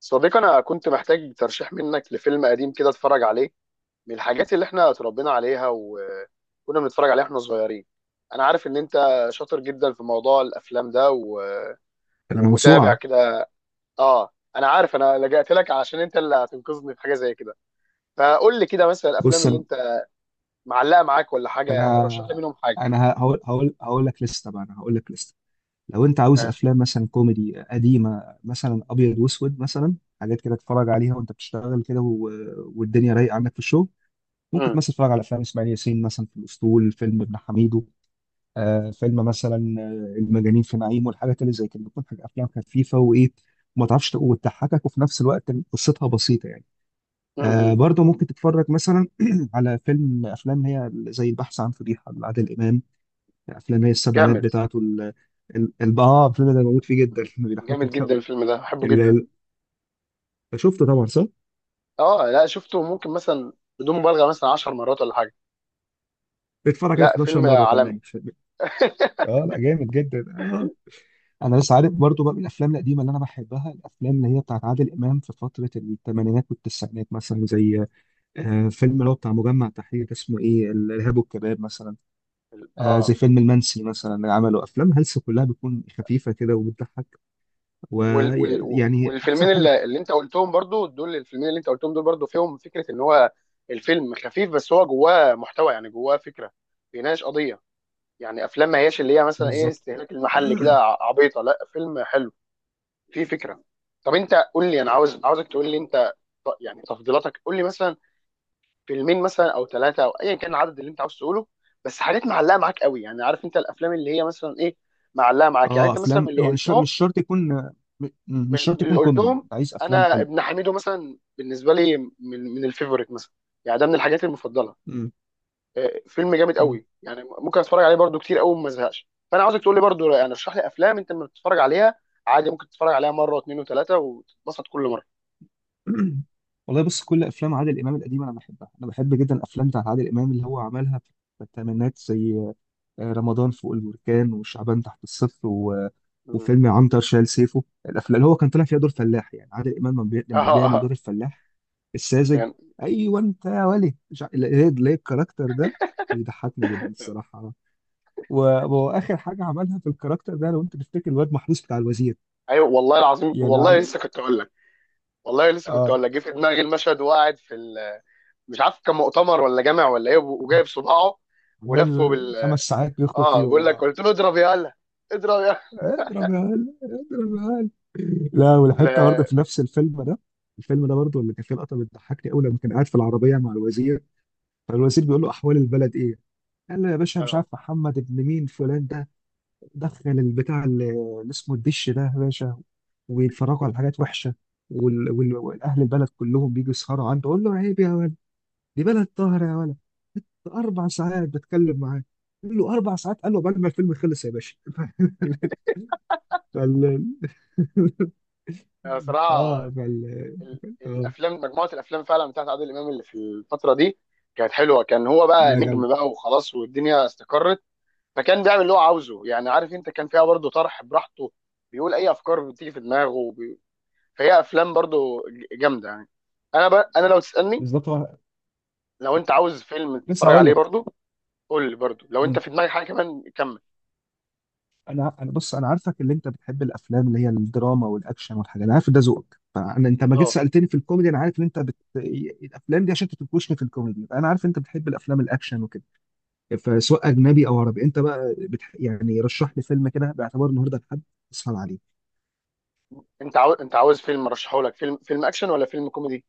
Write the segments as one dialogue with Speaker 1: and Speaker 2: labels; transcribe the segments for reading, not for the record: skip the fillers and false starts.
Speaker 1: صديقي، انا كنت محتاج ترشيح منك لفيلم قديم كده اتفرج عليه، من الحاجات اللي احنا اتربينا عليها وكنا بنتفرج عليها احنا صغيرين. انا عارف ان انت شاطر جدا في موضوع الافلام ده و...
Speaker 2: انا
Speaker 1: ومتابع
Speaker 2: موسوعه.
Speaker 1: كده. اه، انا عارف انا لجأت لك عشان انت اللي هتنقذني في حاجه زي كده. فقول لي كده مثلا الافلام
Speaker 2: بص،
Speaker 1: اللي انت معلقه معاك ولا حاجه، رشح لي
Speaker 2: انا
Speaker 1: منهم حاجه.
Speaker 2: انا هقول لك لسته بقى. انا هقول لك لسته. لو انت عاوز
Speaker 1: ماشي.
Speaker 2: افلام مثلا كوميدي قديمه، مثلا ابيض واسود مثلا، حاجات كده تتفرج عليها وانت بتشتغل كده والدنيا رايقه عندك في الشغل، ممكن
Speaker 1: امم
Speaker 2: مثلا تتفرج على افلام اسماعيل ياسين، مثلا في الاسطول، فيلم ابن حميدو، فيلم مثلا المجانين في نعيم، والحاجات اللي زي كده بتكون افلام خفيفه وايه، وما تعرفش وتضحكك، وفي نفس الوقت قصتها بسيطه يعني.
Speaker 1: امم
Speaker 2: برضه ممكن تتفرج مثلا على افلام هي زي البحث عن فضيحه لعادل امام، افلام هي السبعينات
Speaker 1: جامد.
Speaker 2: بتاعته، الفيلم ده بموت فيه جدا
Speaker 1: مم. جامد
Speaker 2: بيضحكني
Speaker 1: جدا
Speaker 2: قوي.
Speaker 1: الفيلم ده، بحبه
Speaker 2: ال...
Speaker 1: جدا.
Speaker 2: ال- شفته طبعا، صح؟
Speaker 1: اه لا شفته، ممكن مثلا بدون مبالغه مثلا 10 مرات ولا حاجه.
Speaker 2: اتفرج عليه
Speaker 1: لا
Speaker 2: 11
Speaker 1: فيلم
Speaker 2: مره
Speaker 1: عالمي.
Speaker 2: كمان الفيلم. اه، لا، جامد جدا، اه. انا بس عارف برضه بقى من الافلام القديمه اللي انا بحبها، الافلام اللي هي بتاعت عادل امام في فتره الثمانينات والتسعينات، مثلا زي فيلم اللي هو بتاع مجمع تحرير، اسمه ايه، الارهاب والكباب مثلا،
Speaker 1: اه.
Speaker 2: زي فيلم المنسي مثلا، اللي عمله افلام هلس كلها بتكون خفيفه كده وبتضحك،
Speaker 1: وال وال
Speaker 2: ويعني احسن
Speaker 1: والفيلمين
Speaker 2: حاجه.
Speaker 1: اللي انت قلتهم برضو دول، الفيلمين اللي انت قلتهم دول برضو فيهم فكره ان هو الفيلم خفيف بس هو جواه محتوى، يعني جواه فكره، بيناقش قضيه. يعني افلام ما هياش اللي هي مثلا ايه،
Speaker 2: بالظبط.
Speaker 1: استهلاك المحل كده عبيطه، لا فيلم حلو فيه فكره. طب انت قول لي، انا عاوزك تقول لي انت، يعني تفضيلاتك، قول لي مثلا فيلمين مثلا او ثلاثه او ايا كان العدد اللي انت عاوز تقوله، بس حاجات معلقه معاك قوي. يعني عارف انت الافلام اللي هي مثلا ايه معلقه معاك، يعني
Speaker 2: اه،
Speaker 1: انت مثلا من
Speaker 2: افلام
Speaker 1: اللي
Speaker 2: يعني،
Speaker 1: قلتهم،
Speaker 2: مش شرط يكون،
Speaker 1: من
Speaker 2: مش
Speaker 1: من
Speaker 2: شرط
Speaker 1: اللي
Speaker 2: يكون كوميدي،
Speaker 1: قلتهم؟
Speaker 2: انت عايز افلام
Speaker 1: انا
Speaker 2: حلوه.
Speaker 1: ابن حميدو مثلا بالنسبه لي من من الفيفوريت مثلا، يعني ده من الحاجات المفضله.
Speaker 2: مم.
Speaker 1: آه، فيلم جامد
Speaker 2: مم.
Speaker 1: قوي، يعني ممكن اتفرج عليه برضو كتير قوي وما ازهقش. فانا عاوزك تقول لي برضو، يعني اشرح لي افلام انت لما بتتفرج عليها عادي ممكن تتفرج عليها مره واثنين وثلاثه وتتبسط كل مره.
Speaker 2: والله بص، كل افلام عادل امام القديمه انا بحبها. انا بحب جدا الافلام بتاعت عادل امام اللي هو عملها في الثمانينات، زي رمضان فوق البركان، وشعبان تحت الصفر،
Speaker 1: مم.
Speaker 2: وفيلم عنتر شال سيفه، الافلام اللي هو كان طالع فيها دور فلاح، يعني عادل امام لما
Speaker 1: اه،
Speaker 2: لما
Speaker 1: اه،
Speaker 2: بيعمل دور
Speaker 1: آه.
Speaker 2: الفلاح الساذج.
Speaker 1: يعني
Speaker 2: ايوه، انت يا ولي مش ليه ليه الكاركتر ده بيضحكني جدا الصراحه، و... واخر حاجه عملها في الكاركتر ده لو انت تفتكر الواد محروس بتاع الوزير.
Speaker 1: ايوه والله العظيم،
Speaker 2: يعني
Speaker 1: والله لسه
Speaker 2: عل-
Speaker 1: كنت اقول لك، والله لسه كنت
Speaker 2: اه
Speaker 1: اقول لك جه في دماغي المشهد، وقاعد في ال... مش عارف كان مؤتمر ولا جامع ولا ايه، وجايب صباعه ولفه
Speaker 2: عمال
Speaker 1: بال.
Speaker 2: 5 ساعات بيخطب
Speaker 1: اه،
Speaker 2: فيهم.
Speaker 1: بقول لك، قلت له اضرب يا هلا، اضرب يا.
Speaker 2: اضرب يا هلا، اضرب يا هلا. لا، والحته برضه
Speaker 1: لا.
Speaker 2: في نفس الفيلم ده. الفيلم ده برضه اللي كان فيه لقطه بتضحكني قوي لما كان قاعد في العربيه مع الوزير، فالوزير بيقول له احوال البلد ايه؟ قال له يا باشا، مش عارف
Speaker 1: اه.
Speaker 2: محمد ابن مين فلان ده دخل البتاع اللي اسمه الدش ده يا باشا، ويتفرجوا على حاجات وحشه، والاهل البلد كلهم بيجوا يسهروا عنده. قول له عيب يا ولد، دي بلد طاهره يا ولد، ده 4 ساعات بتكلم معاه. قال له 4 ساعات؟ قال له بعد ما الفيلم خلص يا باشا فال...
Speaker 1: انا صراحه
Speaker 2: اه فال... اه،
Speaker 1: الافلام، مجموعه الافلام فعلا بتاعت عادل امام اللي في الفتره دي كانت حلوه. كان هو بقى
Speaker 2: لا، جامد.
Speaker 1: نجم بقى وخلاص، والدنيا استقرت، فكان بيعمل اللي هو عاوزه. يعني عارف انت، كان فيها برضه طرح براحته، بيقول اي افكار بتيجي في دماغه وبي... فهي افلام برضه جامده يعني. انا لو تسالني،
Speaker 2: بالظبط.
Speaker 1: لو انت عاوز فيلم
Speaker 2: لسه
Speaker 1: تتفرج
Speaker 2: هقول
Speaker 1: عليه
Speaker 2: لك.
Speaker 1: برضه، قول لي برضه لو انت
Speaker 2: مم.
Speaker 1: في دماغك حاجه كمان كمل.
Speaker 2: انا، بص، انا عارفك، اللي انت بتحب الافلام اللي هي الدراما والاكشن والحاجات، انا عارف ده ذوقك، فانا انت ما جيت
Speaker 1: اه.
Speaker 2: سالتني في الكوميدي، انا عارف ان انت الافلام دي عشان تنكشني في الكوميدي، انا عارف انت بتحب الافلام الاكشن وكده، فسواء اجنبي او عربي انت بقى يعني رشح لي فيلم كده باعتبار النهارده لحد اسهل عليه.
Speaker 1: انت عاوز، فيلم ارشحه لك، فيلم اكشن ولا فيلم كوميدي؟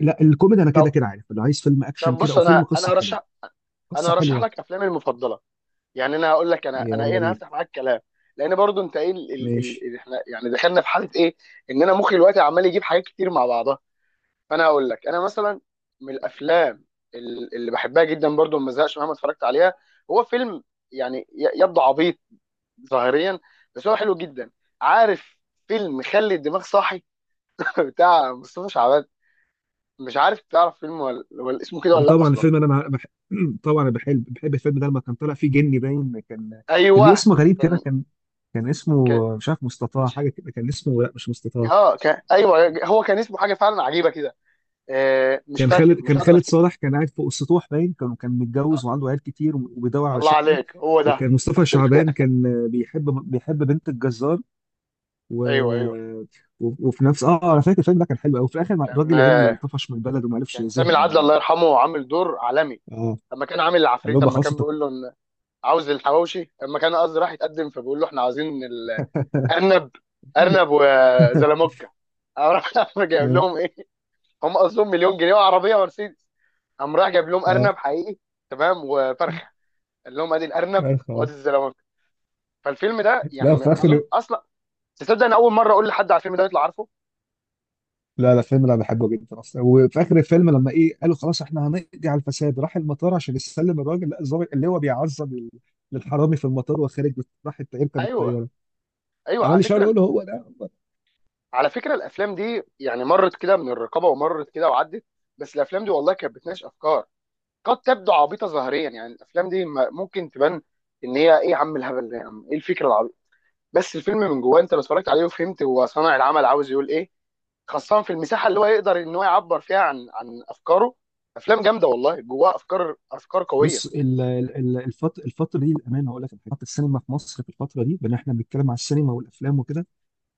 Speaker 2: لا، الكوميدي انا كده
Speaker 1: طب.
Speaker 2: كده عارف، اللي عايز فيلم
Speaker 1: طب
Speaker 2: اكشن كده،
Speaker 1: بص،
Speaker 2: او فيلم قصه حلوه،
Speaker 1: انا
Speaker 2: قصه
Speaker 1: هرشح
Speaker 2: حلوه.
Speaker 1: لك افلامي المفضله. يعني انا هقول لك،
Speaker 2: يلا
Speaker 1: انا
Speaker 2: بينا.
Speaker 1: هفتح معاك كلام، لان برضو انت ايه ال... ال...
Speaker 2: ماشي.
Speaker 1: ال... احنا يعني دخلنا في حاله ايه، ان انا مخي دلوقتي عمال يجيب حاجات كتير مع بعضها. فانا هقول لك انا مثلا من الافلام اللي بحبها جدا برضو ما زهقش مهما اتفرجت عليها هو فيلم، يعني يبدو عبيط ظاهريا بس هو حلو جدا، عارف، فيلم خلي الدماغ صاحي بتاع مصطفى شعبان. مش عارف تعرف فيلم ولا اسمه كده ولا لا
Speaker 2: طبعا
Speaker 1: اصلا.
Speaker 2: الفيلم، طبعا أنا بحب الفيلم ده لما كان طالع فيه جني، باين كان كان ليه
Speaker 1: ايوه.
Speaker 2: اسم غريب كده،
Speaker 1: كان
Speaker 2: كان
Speaker 1: ك...
Speaker 2: اسمه، مش عارف، مستطاع،
Speaker 1: مش
Speaker 2: حاجه كده، كان اسمه، لا مش مستطاع.
Speaker 1: اه كان ايوه، هو كان اسمه حاجه فعلا عجيبه كده. آه مش فاكر، مش
Speaker 2: كان
Speaker 1: قادر
Speaker 2: خالد
Speaker 1: افتكر.
Speaker 2: صالح كان قاعد فوق السطوح، باين كان
Speaker 1: آه،
Speaker 2: متجوز وعنده عيال كتير وبيدور على
Speaker 1: الله
Speaker 2: شقه،
Speaker 1: عليك هو ده.
Speaker 2: وكان مصطفى شعبان كان بيحب بنت الجزار، و...
Speaker 1: ايوه، ايوه،
Speaker 2: وفي نفس اه انا فاكر الفيلم ده كان حلو قوي، وفي الاخر
Speaker 1: كان
Speaker 2: الراجل يعني
Speaker 1: آه،
Speaker 2: طفش من البلد وما عرفش
Speaker 1: كان سامي
Speaker 2: يزهق
Speaker 1: العدل
Speaker 2: يعني.
Speaker 1: الله يرحمه عامل دور عالمي
Speaker 2: اه،
Speaker 1: لما كان عامل
Speaker 2: قال
Speaker 1: العفريت.
Speaker 2: له بقى
Speaker 1: لما
Speaker 2: خلاص
Speaker 1: كان بيقول له ان عاوز الحواوشي، لما كان قصدي راح يتقدم فبيقول له احنا عاوزين الارنب، ارنب وزلموكه. قام راح جايب
Speaker 2: اه
Speaker 1: لهم ايه؟ هم قصدهم مليون جنيه وعربيه ومرسيدس، قام راح جايب لهم
Speaker 2: اه
Speaker 1: ارنب حقيقي تمام وفرخه، قال لهم ادي الارنب وادي
Speaker 2: عارف.
Speaker 1: الزلموكه. فالفيلم ده يعني
Speaker 2: لا،
Speaker 1: ما
Speaker 2: في
Speaker 1: ما
Speaker 2: اخر،
Speaker 1: اظن اصلا، تصدق انا اول مره اقول لحد على الفيلم ده يطلع عارفه.
Speaker 2: لا لا، فيلم انا بحبه جدا اصلا، وفي اخر الفيلم لما ايه قالوا خلاص احنا هنقضي على الفساد، راح المطار عشان يسلم الراجل، لا الظابط اللي هو بيعذب الحرامي في المطار، وخارج يركب
Speaker 1: ايوه،
Speaker 2: الطياره
Speaker 1: ايوه. على
Speaker 2: عمال يشاور
Speaker 1: فكره،
Speaker 2: يقول له هو ده.
Speaker 1: على فكره الافلام دي يعني مرت كده من الرقابه ومرت كده وعدت، بس الافلام دي والله كانت بتناقش افكار. قد تبدو عبيطه ظاهريا، يعني الافلام دي ممكن تبان ان هي ايه يا عم الهبل ده، يا عم ايه الفكره العبيطه، بس الفيلم من جواه انت لو اتفرجت عليه وفهمت هو صانع العمل عاوز يقول ايه، خاصه في المساحه اللي هو يقدر ان هو يعبر فيها عن افكاره. افلام جامده والله جواها افكار قويه.
Speaker 2: بص، الفتره دي الامانه هقول لك، الحاجات، السينما في مصر في الفتره دي، بان احنا بنتكلم على السينما والافلام وكده،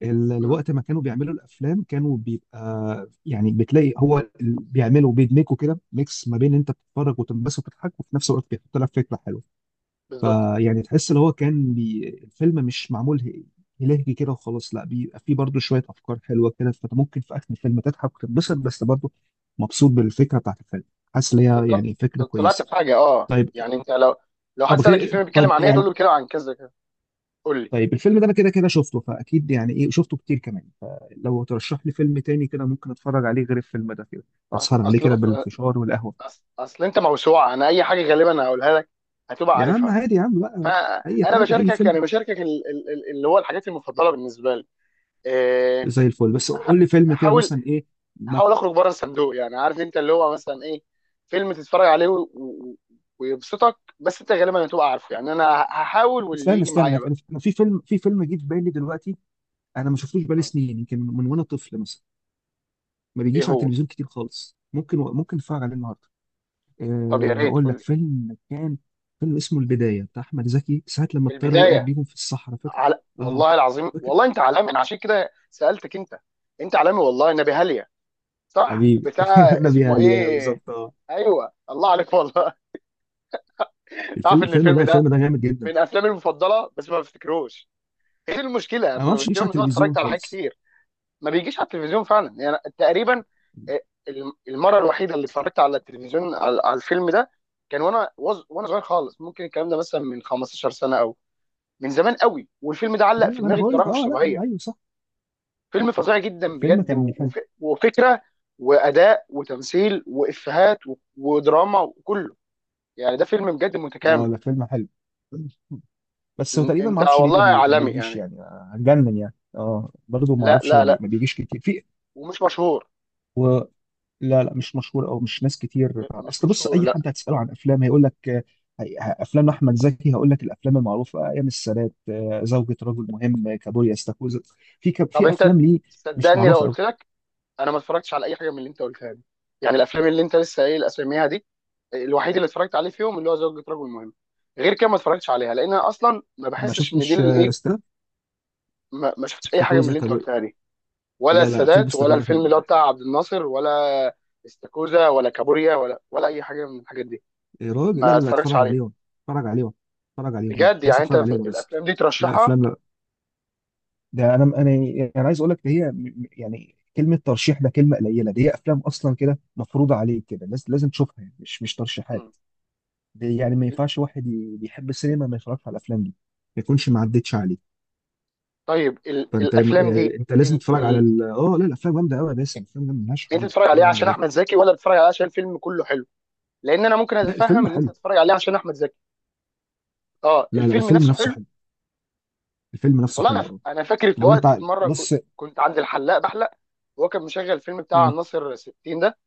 Speaker 1: امم
Speaker 2: الوقت ما كانوا بيعملوا الافلام كانوا بيبقى، يعني بتلاقي هو بيعملوا، بيدمجوا كده ميكس ما بين انت بتتفرج وتنبسط وتضحك، وفي نفس الوقت بيحط لك فكره حلوه،
Speaker 1: بالظبط.
Speaker 2: فيعني تحس اللي هو كان الفيلم مش معمول هلهجي كده وخلاص، لا بيبقى فيه برضه شوية أفكار حلوة كده، فأنت ممكن في آخر الفيلم تضحك وتتبسط، بس برضه مبسوط بالفكرة بتاعت الفيلم، حاسس إن هي
Speaker 1: بالظبط،
Speaker 2: يعني فكرة
Speaker 1: طلعت
Speaker 2: كويسة.
Speaker 1: بحاجه. اه،
Speaker 2: طيب.
Speaker 1: يعني انت لو، لو حد
Speaker 2: طب
Speaker 1: سالك
Speaker 2: غير
Speaker 1: الفيلم بيتكلم
Speaker 2: طب
Speaker 1: عن ايه تقول
Speaker 2: يعني
Speaker 1: له بيتكلم عن كذا كذا. قول لي،
Speaker 2: طيب، الفيلم ده أنا كده كده شفته، فأكيد يعني إيه، شفته كتير كمان، فلو ترشح لي فيلم تاني كده ممكن أتفرج عليه غير الفيلم ده كده،
Speaker 1: اصل
Speaker 2: أسهر عليه
Speaker 1: اصل
Speaker 2: كده
Speaker 1: بص،
Speaker 2: بالفشار والقهوة.
Speaker 1: أصل انت موسوعه، انا اي حاجه غالبا هقولها لك هتبقى
Speaker 2: يا عم
Speaker 1: عارفها،
Speaker 2: عادي يا عم بقى، أي
Speaker 1: فانا
Speaker 2: حاجة، أي
Speaker 1: بشاركك،
Speaker 2: فيلم،
Speaker 1: يعني بشاركك ال... ال... ال... اللي هو الحاجات المفضله بالنسبه لي. إيه،
Speaker 2: زي الفل، بس
Speaker 1: أح-
Speaker 2: قول لي فيلم كده
Speaker 1: احاول،
Speaker 2: مثلا إيه.
Speaker 1: احاول اخرج بره الصندوق. يعني عارف انت اللي هو مثلا ايه، فيلم تتفرج عليه ويبسطك، بس انت غالبا هتبقى عارفه. يعني انا هحاول واللي
Speaker 2: استنى
Speaker 1: يجي
Speaker 2: استنى،
Speaker 1: معايا
Speaker 2: أنا
Speaker 1: بقى.
Speaker 2: في أنا في فيلم في فيلم جه في بالي دلوقتي، انا ما شفتوش بقالي سنين، يمكن من وانا طفل مثلا، ما
Speaker 1: ايه
Speaker 2: بيجيش على
Speaker 1: هو؟
Speaker 2: التلفزيون كتير خالص، ممكن اتفرج عليه النهارده.
Speaker 1: طب يا
Speaker 2: أه،
Speaker 1: ريت
Speaker 2: هقول
Speaker 1: قول
Speaker 2: لك.
Speaker 1: لي.
Speaker 2: فيلم اسمه البدايه، بتاع احمد زكي، ساعه لما الطياره وقعت
Speaker 1: البدايه؟
Speaker 2: بيهم في الصحراء، فاكر؟
Speaker 1: على،
Speaker 2: اه.
Speaker 1: والله العظيم
Speaker 2: فاكر.
Speaker 1: والله انت عالمي، انا عشان كده سالتك انت، انت عالمي والله نبي هاليا. صح
Speaker 2: حبيبي.
Speaker 1: بتاع
Speaker 2: نبي
Speaker 1: اسمه
Speaker 2: علي،
Speaker 1: ايه.
Speaker 2: بالظبط، اه.
Speaker 1: ايوه الله عليك والله. تعرف ان الفيلم ده
Speaker 2: الفيلم ده جامد جدا.
Speaker 1: من افلامي المفضله بس ما بفتكروش؟ ايه المشكله،
Speaker 2: انا ما
Speaker 1: اما
Speaker 2: اعرفش يجيش
Speaker 1: المشكله
Speaker 2: على
Speaker 1: ان انا
Speaker 2: التلفزيون
Speaker 1: اتفرجت على حاجات
Speaker 2: خالص.
Speaker 1: كتير ما بيجيش على التلفزيون فعلا يعني تقريبا. اه، المره الوحيده اللي اتفرجت على التلفزيون على الفيلم ده كان وانا وانا صغير خالص، ممكن الكلام ده مثلا من 15 سنه او من زمان قوي، والفيلم ده علق
Speaker 2: لا،
Speaker 1: في
Speaker 2: ما انا
Speaker 1: دماغي
Speaker 2: بقول لك.
Speaker 1: بطريقه مش
Speaker 2: اه، لا،
Speaker 1: طبيعيه.
Speaker 2: ايوه، صح.
Speaker 1: فيلم فظيع جدا
Speaker 2: الفيلم
Speaker 1: بجد،
Speaker 2: كان حلو،
Speaker 1: وفكره واداء وتمثيل وافيهات ودراما وكله. يعني ده فيلم بجد
Speaker 2: اه،
Speaker 1: متكامل.
Speaker 2: لا فيلم حلو، بس هو تقريبا ما
Speaker 1: انت
Speaker 2: اعرفش ليه
Speaker 1: والله
Speaker 2: ما
Speaker 1: عالمي
Speaker 2: بيجيش
Speaker 1: يعني،
Speaker 2: يعني، هتجنن يعني، اه، برضه ما
Speaker 1: لا
Speaker 2: اعرفش
Speaker 1: لا لا،
Speaker 2: ما بيجيش كتير
Speaker 1: ومش مشهور.
Speaker 2: و... لا لا، مش مشهور، او مش ناس كتير
Speaker 1: مش
Speaker 2: اصل بص،
Speaker 1: مشهور
Speaker 2: اي
Speaker 1: لا.
Speaker 2: حد هتساله عن افلام هيقول لك، افلام احمد زكي، هقول لك الافلام المعروفه، ايام السادات، زوجة رجل مهم، كابوريا، استاكوزا،
Speaker 1: طب
Speaker 2: في
Speaker 1: انت،
Speaker 2: افلام ليه مش
Speaker 1: صدقني لو
Speaker 2: معروفه قوي.
Speaker 1: قلت لك انا ما اتفرجتش على اي حاجه من اللي انت قلتها دي، يعني الافلام اللي انت لسه قايل اساميها دي، الوحيد اللي اتفرجت عليه فيهم اللي هو زوجة رجل مهم، غير كده ما اتفرجتش عليها، لان انا اصلا ما
Speaker 2: ما
Speaker 1: بحسش ان دي
Speaker 2: شفتش.
Speaker 1: الايه. ما شفتش اي حاجه من
Speaker 2: استاكوزا،
Speaker 1: اللي انت
Speaker 2: كابوريا.
Speaker 1: قلتها دي، ولا
Speaker 2: لا لا، فيلم
Speaker 1: السادات، ولا
Speaker 2: استاكوزا
Speaker 1: الفيلم
Speaker 2: كان،
Speaker 1: اللي هو بتاع عبد الناصر، ولا استاكوزا ولا كابوريا ولا اي حاجه من الحاجات دي،
Speaker 2: يا راجل، لا
Speaker 1: ما
Speaker 2: لا لا،
Speaker 1: اتفرجتش
Speaker 2: اتفرج
Speaker 1: عليه.
Speaker 2: عليهم، اتفرج عليهم، اتفرج عليهم
Speaker 1: بجد
Speaker 2: لسه،
Speaker 1: يعني انت
Speaker 2: اتفرج
Speaker 1: في
Speaker 2: عليهم لسه.
Speaker 1: الافلام دي
Speaker 2: لا،
Speaker 1: ترشحها؟
Speaker 2: افلام، ده انا، يعني، انا عايز اقول لك ده هي يعني كلمه ترشيح ده كلمه قليله، دي هي افلام اصلا كده مفروضه عليك كده، الناس لازم تشوفها يعني، مش ترشيحات
Speaker 1: مم.
Speaker 2: دي، يعني ما ينفعش واحد بيحب السينما ما يتفرجش على الافلام دي، ما يكونش ما عدتش عليه.
Speaker 1: طيب ال...
Speaker 2: فانت
Speaker 1: الافلام
Speaker 2: يعني
Speaker 1: دي
Speaker 2: انت لازم
Speaker 1: ال...
Speaker 2: تتفرج على
Speaker 1: ال...
Speaker 2: لا، الافلام جامده قوي يا باسم، الافلام جامده ملهاش حل،
Speaker 1: انت تتفرج
Speaker 2: الافلام
Speaker 1: عليها
Speaker 2: جامده
Speaker 1: عشان
Speaker 2: جدا.
Speaker 1: احمد زكي ولا تتفرج عليها عشان الفيلم كله حلو؟ لان انا ممكن
Speaker 2: لا، الفيلم
Speaker 1: اتفهم ان انت
Speaker 2: حلو.
Speaker 1: تتفرج عليها عشان احمد زكي. اه
Speaker 2: لا لا،
Speaker 1: الفيلم
Speaker 2: الفيلم
Speaker 1: نفسه
Speaker 2: نفسه
Speaker 1: حلو.
Speaker 2: حلو، الفيلم نفسه
Speaker 1: والله انا
Speaker 2: حلو،
Speaker 1: ف...
Speaker 2: اه.
Speaker 1: انا فاكر في
Speaker 2: لو انت
Speaker 1: وقت في مره ك...
Speaker 2: بص،
Speaker 1: كنت عند الحلاق بحلق، وهو كان مشغل الفيلم بتاع
Speaker 2: م،
Speaker 1: ناصر 60 ده.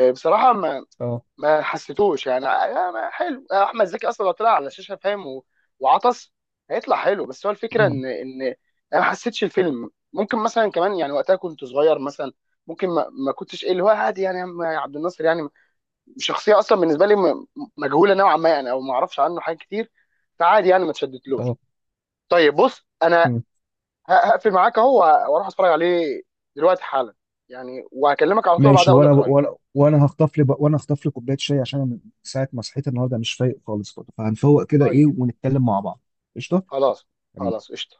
Speaker 1: آه، بصراحه
Speaker 2: اه
Speaker 1: ما حسيتوش يعني. آه، آه، ما حلو. آه، احمد زكي اصلا لو طلع على الشاشه فاهم و- وعطس هيطلع حلو، بس هو الفكره
Speaker 2: م،
Speaker 1: ان انا ما حسيتش الفيلم. ممكن مثلا كمان، يعني وقتها كنت صغير مثلا، ممكن ما كنتش ايه اللي هو عادي، يعني يا عم عبد الناصر يعني شخصيه اصلا بالنسبه لي مجهوله نوعا ما، يعني او ما اعرفش عنه حاجات كتير، فعادي يعني ما اتشدتلوش.
Speaker 2: اه
Speaker 1: طيب بص انا هقفل معاك اهو واروح اتفرج عليه دلوقتي حالا، يعني وهكلمك على طول بعدها
Speaker 2: ماشي.
Speaker 1: اقول
Speaker 2: وانا
Speaker 1: لك رايي.
Speaker 2: وانا وانا هخطف لي كوبايه شاي، عشان أنا من ساعه ما صحيت النهارده مش فايق خالص برضه، فهنفوق كده
Speaker 1: طيب.
Speaker 2: ايه ونتكلم مع بعض. قشطه.
Speaker 1: خلاص.
Speaker 2: حبيبي.
Speaker 1: قشطة.